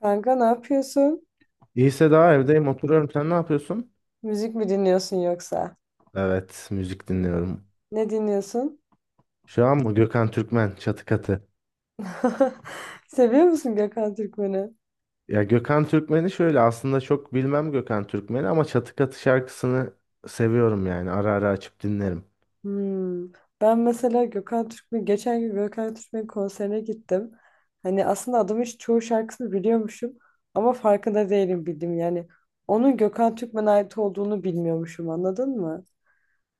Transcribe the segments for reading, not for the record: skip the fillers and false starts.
Kanka ne yapıyorsun? İyiyse daha evdeyim oturuyorum. Sen ne yapıyorsun? Müzik mi dinliyorsun yoksa? Evet müzik dinliyorum. Ne dinliyorsun? Şu an mı? Gökhan Türkmen Çatı Katı. Seviyor musun Gökhan Türkmen'i? Ya Gökhan Türkmen'i şöyle aslında çok bilmem Gökhan Türkmen'i ama Çatı Katı şarkısını seviyorum yani ara ara açıp dinlerim. Hmm. Ben mesela Gökhan Türkmen, geçen gün Gökhan Türkmen konserine gittim. Hani aslında adamın çoğu şarkısını biliyormuşum ama farkında değilim bildim yani. Onun Gökhan Türkmen'e ait olduğunu bilmiyormuşum anladın mı?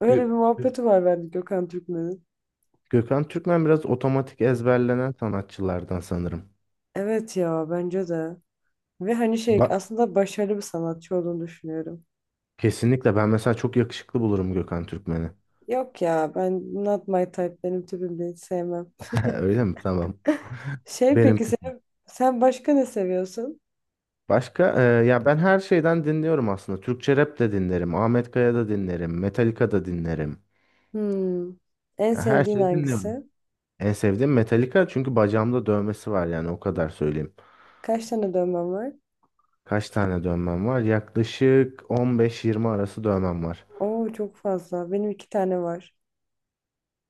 Öyle bir Gö- muhabbeti var bende Gökhan Türkmen'in. Gökhan Türkmen biraz otomatik ezberlenen sanatçılardan sanırım. Evet ya bence de. Ve hani şey Ba- aslında başarılı bir sanatçı olduğunu düşünüyorum. Kesinlikle ben mesela çok yakışıklı bulurum Gökhan Türkmen'i. Yok ya ben not my type benim tipim değil sevmem. Öyle mi? Tamam. Şey Benim peki sen başka ne seviyorsun? Başka ya ben her şeyden dinliyorum aslında. Türkçe rap de dinlerim, Ahmet Kaya da dinlerim, Metallica da dinlerim. Hmm. En Ya her sevdiğin şeyi dinliyorum. hangisi? En sevdiğim Metallica çünkü bacağımda dövmesi var, yani o kadar söyleyeyim. Kaç tane dövmen var? Kaç tane dövmem var? Yaklaşık 15-20 arası dövmem var. Oo çok fazla. Benim iki tane var.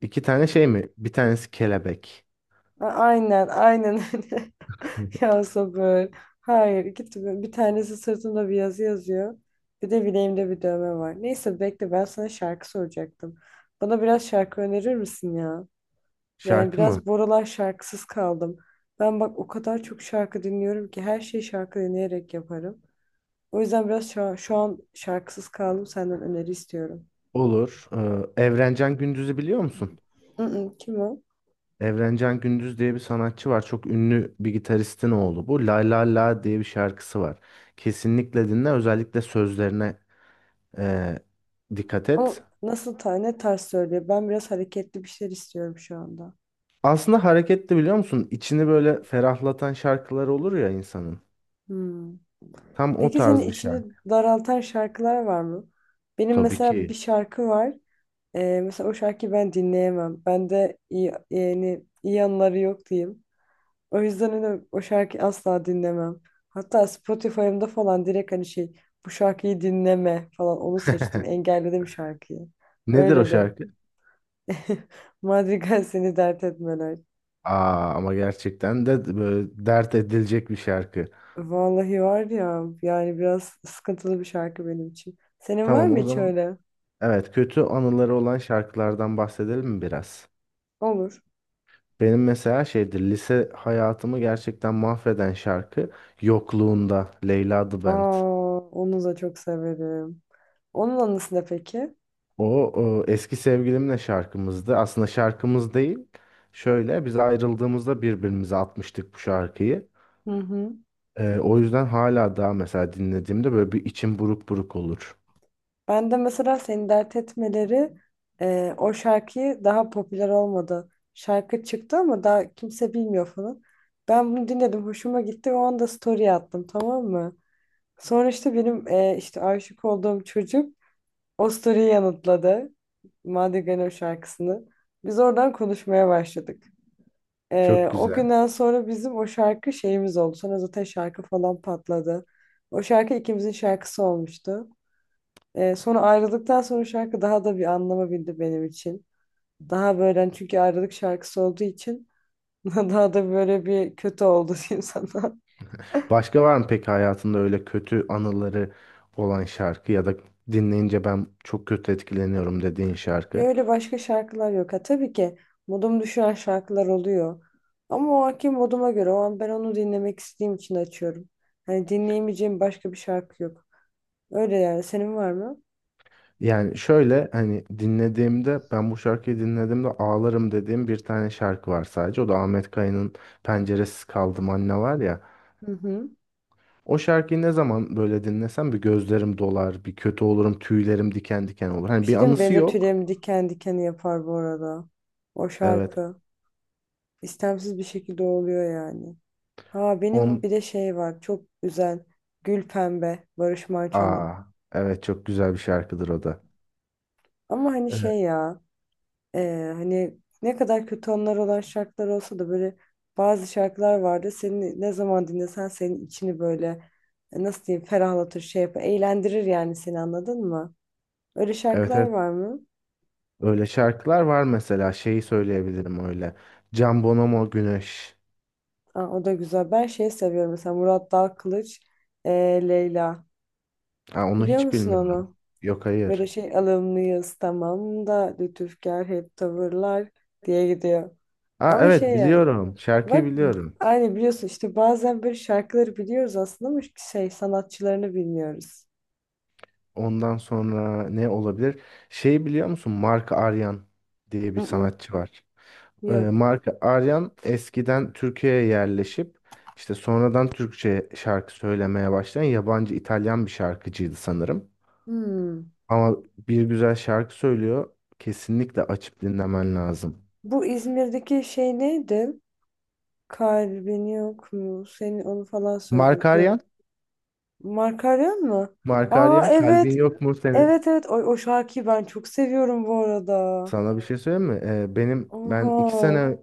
İki tane şey mi? Bir tanesi kelebek. Aynen aynen öyle. Ya sabır. Hayır iki tane. Bir tanesi sırtımda bir yazı yazıyor. Bir de bileğimde bir dövme var. Neyse bekle ben sana şarkı soracaktım. Bana biraz şarkı önerir misin ya? Yani Şarkı mı? biraz bu aralar şarkısız kaldım. Ben bak o kadar çok şarkı dinliyorum ki her şeyi şarkı dinleyerek yaparım. O yüzden biraz şu an şarkısız kaldım. Senden öneri istiyorum. Olur. Evrencan Gündüz'ü biliyor musun? Mm-mm, kim o? Evrencan Gündüz diye bir sanatçı var. Çok ünlü bir gitaristin oğlu bu. La La La diye bir şarkısı var. Kesinlikle dinle. Özellikle sözlerine eee, dikkat et. O nasıl ta ne tarz söylüyor? Ben biraz hareketli bir şeyler istiyorum şu anda. Aslında hareketli, biliyor musun? İçini böyle ferahlatan şarkılar olur ya insanın. Hmm. Tam o Peki senin tarz bir içini şarkı. daraltan şarkılar var mı? Benim Tabii mesela bir ki. şarkı var. Mesela o şarkıyı ben dinleyemem. Bende iyi, yani iyi anları yok diyeyim. O yüzden hani o şarkıyı asla dinlemem. Hatta Spotify'ımda falan direkt hani şey bu şarkıyı dinleme falan onu seçtim. Engelledim şarkıyı. Nedir o Öyle de. şarkı? Madrigal seni dert etmeler. Aa, ama gerçekten de böyle dert edilecek bir şarkı. Vallahi var ya yani biraz sıkıntılı bir şarkı benim için. Senin var Tamam mı o hiç zaman. öyle? Evet, kötü anıları olan şarkılardan bahsedelim mi biraz? Olur. Benim mesela şeydir, lise hayatımı gerçekten mahveden şarkı Yokluğunda Leyla The Band. Aa, onu da çok severim. Onun anısı ne peki? O, o eski sevgilimle şarkımızdı. Aslında şarkımız değil. Şöyle, biz ayrıldığımızda birbirimize atmıştık bu şarkıyı. Hı hı. O yüzden hala daha mesela dinlediğimde böyle bir içim buruk buruk olur. Ben de mesela seni dert etmeleri o şarkıyı daha popüler olmadı. Şarkı çıktı ama daha kimse bilmiyor falan. Ben bunu dinledim, hoşuma gitti ve o anda story attım tamam mı? Sonra işte benim işte aşık olduğum çocuk o story'yi yanıtladı. Madrigal'in o şarkısını. Biz oradan konuşmaya başladık. E, Çok o güzel. günden sonra bizim o şarkı şeyimiz oldu. Sonra zaten şarkı falan patladı. O şarkı ikimizin şarkısı olmuştu. Sonra ayrıldıktan sonra şarkı daha da bir anlama bildi benim için. Daha böyle hani çünkü ayrılık şarkısı olduğu için daha da böyle bir kötü oldu diyeyim sana. Başka var mı peki hayatında öyle kötü anıları olan şarkı ya da dinleyince ben çok kötü etkileniyorum dediğin Ya şarkı? öyle başka şarkılar yok. Ha, tabii ki modum düşüren şarkılar oluyor. Ama o anki moduma göre o an ben onu dinlemek istediğim için açıyorum. Hani dinleyemeyeceğim başka bir şarkı yok. Öyle yani. Senin var mı? Yani şöyle, hani dinlediğimde, ben bu şarkıyı dinlediğimde ağlarım dediğim bir tane şarkı var sadece. O da Ahmet Kaya'nın Penceresiz Kaldım Anne var ya. Hı hı. O şarkıyı ne zaman böyle dinlesem bir gözlerim dolar, bir kötü olurum, tüylerim diken diken olur. Bir Hani bir şey değil mi? Benim anısı de yok. tüylerim diken diken yapar bu arada. O Evet. şarkı. İstemsiz bir şekilde oluyor yani. Ha benim On bir de şey var çok güzel Gül Pembe Barış Manço'nun. Aa, evet çok güzel bir şarkıdır o da. Ama hani Evet şey ya hani ne kadar kötü anılar olan şarkılar olsa da böyle bazı şarkılar vardı. Seni ne zaman dinlesen senin içini böyle nasıl diyeyim ferahlatır şey yapar eğlendirir yani seni anladın mı? Öyle şarkılar evet, var mı? öyle şarkılar var. Mesela şeyi söyleyebilirim, öyle. Can Bonomo Güneş. Aa, o da güzel. Ben şey seviyorum mesela Murat Dalkılıç e, Leyla. Ha, onu Biliyor hiç musun bilmiyorum. onu? Yok, Böyle hayır. şey alımlıyız tamam da lütufkar hep tavırlar diye gidiyor. Aa, Ama şey evet yani biliyorum. Şarkıyı bak biliyorum. aynı biliyorsun işte bazen böyle şarkıları biliyoruz aslında ama şey sanatçılarını bilmiyoruz. Ondan sonra ne olabilir? Şeyi biliyor musun? Mark Aryan diye bir Mm-mm, sanatçı var. Yok. Mark Aryan eskiden Türkiye'ye yerleşip işte sonradan Türkçe şarkı söylemeye başlayan yabancı, İtalyan bir şarkıcıydı sanırım. Hmm. Ama bir güzel şarkı söylüyor. Kesinlikle açıp dinlemen lazım. Bu İzmir'deki şey neydi? Kalbin yok mu? Senin onu falan Mark söylüyor. Aryan, Yok. Makaryon mu? Mark Aa Aryan, kalbin evet. yok mu senin? Evet evet. O şarkıyı ben çok seviyorum bu arada. Sana bir şey söyleyeyim mi? Ben iki Oha. sene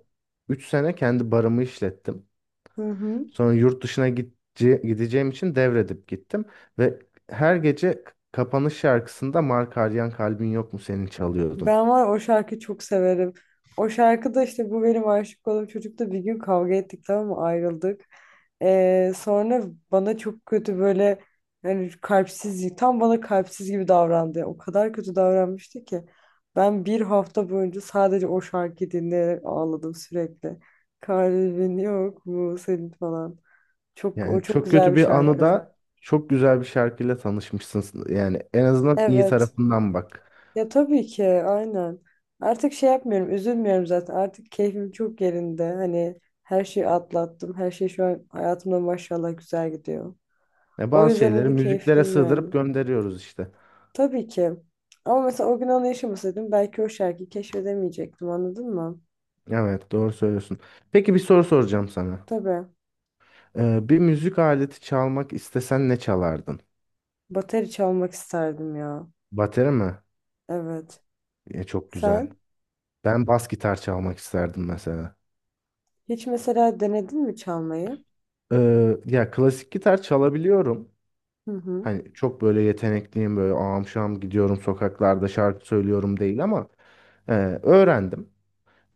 3 sene kendi barımı işlettim. Hı hı. Sonra yurt dışına gideceğim için devredip gittim. Ve her gece kapanış şarkısında Mark Aryan Kalbin Yok Mu Senin çalıyordum. Ben var ya o şarkıyı çok severim. O şarkıda işte bu benim aşık olduğum çocukla bir gün kavga ettik tamam mı ayrıldık. Sonra bana çok kötü böyle yani kalpsiz tam bana kalpsiz gibi davrandı. O kadar kötü davranmıştı ki ben bir hafta boyunca sadece o şarkıyı dinleyerek ağladım sürekli. Kalbin yok mu senin falan. Çok o Yani çok çok güzel kötü bir bir şarkı. anıda çok güzel bir şarkıyla tanışmışsın. Yani en azından iyi Evet. tarafından bak. Ya tabii ki aynen. Artık şey yapmıyorum, üzülmüyorum zaten. Artık keyfim çok yerinde. Hani her şeyi atlattım. Her şey şu an hayatımda maşallah güzel gidiyor. Ya O bazı yüzden şeyleri hani müziklere keyifliyim yani. sığdırıp gönderiyoruz işte. Tabii ki. Ama mesela o gün onu yaşamasaydım belki o şarkıyı keşfedemeyecektim anladın mı? Evet, doğru söylüyorsun. Peki bir soru soracağım sana. Tabii. Bir müzik aleti çalmak istesen ne çalardın? Bateri çalmak isterdim ya. Bateri mi? Evet. E, çok güzel. Sen Ben bas gitar çalmak isterdim mesela. hiç mesela denedin mi çalmayı? Ya klasik gitar çalabiliyorum. Hı hı. Hani çok böyle yetenekliyim, böyle ağam şam gidiyorum sokaklarda şarkı söylüyorum değil ama e, öğrendim.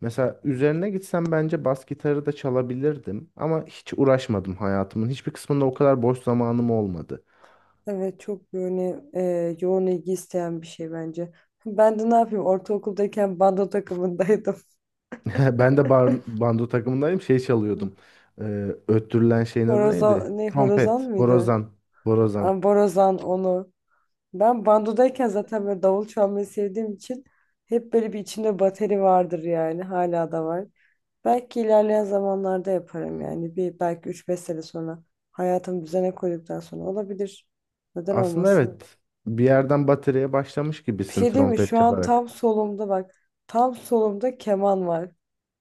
Mesela üzerine gitsem bence bas gitarı da çalabilirdim ama hiç uğraşmadım hayatımın. Hiçbir kısmında o kadar boş zamanım olmadı. Evet çok böyle yoğun ilgi isteyen bir şey bence. Ben de ne yapayım ortaokuldayken bando takımındaydım. Ben de bando takımındayım şey çalıyordum. Öttürülen şeyin adı neydi? Horozan ne horozan Trompet, mıydı? Borazan. Ha, borazan onu. Ben bandodayken zaten böyle davul çalmayı sevdiğim için hep böyle bir içimde bateri vardır yani hala da var. Belki ilerleyen zamanlarda yaparım yani bir belki üç beş sene sonra hayatımı düzene koyduktan sonra olabilir. Neden Aslında olmasın? evet, bir yerden bataryaya başlamış Bir gibisin şey değil mi? trompet Şu an çalarak. tam solumda bak tam solumda keman var.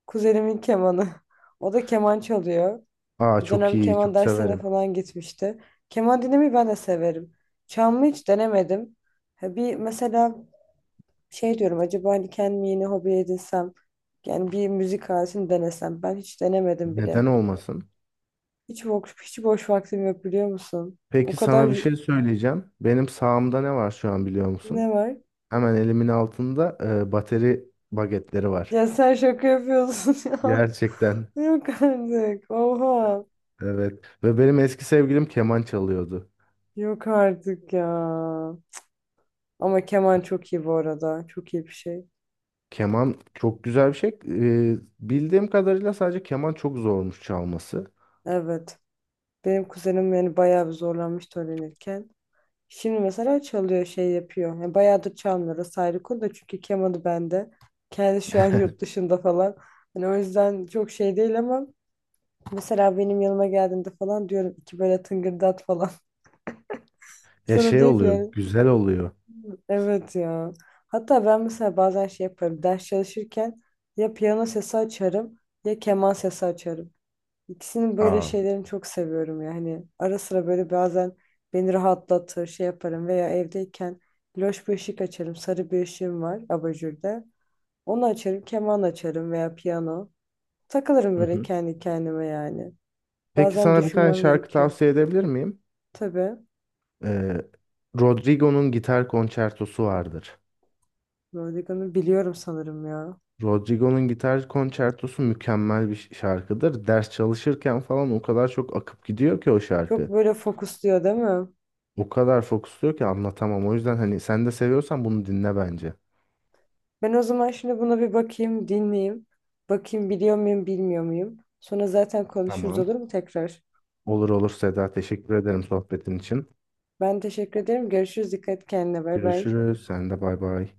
Kuzenimin kemanı. O da keman çalıyor. Aa, Bir çok dönem iyi, keman çok dersine de severim. falan gitmişti. Keman dinlemeyi ben de severim. Çalmayı hiç denemedim. Ha bir mesela şey diyorum acaba hani kendimi yeni hobi edinsem yani bir müzik aletini denesem ben hiç denemedim Neden bile. olmasın? Hiç boş vaktim yok biliyor musun? O Peki kadar sana bir y- şey söyleyeceğim. Benim sağımda ne var şu an, biliyor ne musun? var? Hemen elimin altında bateri bagetleri var. Ya sen şaka yapıyorsun ya. Gerçekten. Yok artık. Oha. Evet. Ve benim eski sevgilim keman çalıyordu. Yok artık ya. Ama keman çok iyi bu arada. Çok iyi bir şey. Keman çok güzel bir şey. E, bildiğim kadarıyla sadece keman çok zormuş çalması. Evet. Benim kuzenim yani bayağı bir zorlanmıştı öğrenirken. Şimdi mesela çalıyor şey yapıyor. Yani bayağıdır çalmıyor. Orası ayrı konu da çünkü kemanı bende. Kendi şu an yurt dışında falan. Hani o yüzden çok şey değil ama mesela benim yanıma geldiğinde falan diyorum iki böyle tıngırdat falan. Ya Sonra şey diyor ki oluyor, yani güzel oluyor. evet ya. Hatta ben mesela bazen şey yaparım. Ders çalışırken ya piyano sesi açarım ya keman sesi açarım. İkisinin böyle Aa. şeylerini çok seviyorum yani. Ara sıra böyle bazen beni rahatlatır, şey yaparım veya evdeyken loş bir ışık açarım. Sarı bir ışığım var abajurda. Onu açarım, keman açarım veya piyano. Takılırım Hı böyle hı. kendi kendime yani. Peki Bazen sana bir tane düşünmem şarkı gerekiyor. tavsiye edebilir miyim? Tabii. Ee, Rodrigo'nun gitar konçertosu vardır. Rodrigo'nu biliyorum sanırım ya. Rodrigo'nun gitar konçertosu mükemmel bir şarkıdır. Ders çalışırken falan o kadar çok akıp gidiyor ki o Çok şarkı. böyle fokusluyor değil mi? O kadar fokusluyor ki anlatamam. O yüzden hani sen de seviyorsan bunu dinle bence. Ben o zaman şimdi buna bir bakayım, dinleyeyim. Bakayım biliyor muyum, bilmiyor muyum? Sonra zaten konuşuruz Tamam. olur mu tekrar? Olur olur Seda. Teşekkür ederim sohbetin için. Ben teşekkür ederim. Görüşürüz. Dikkat et kendine. Bay bay. Görüşürüz. Sen de bay bay.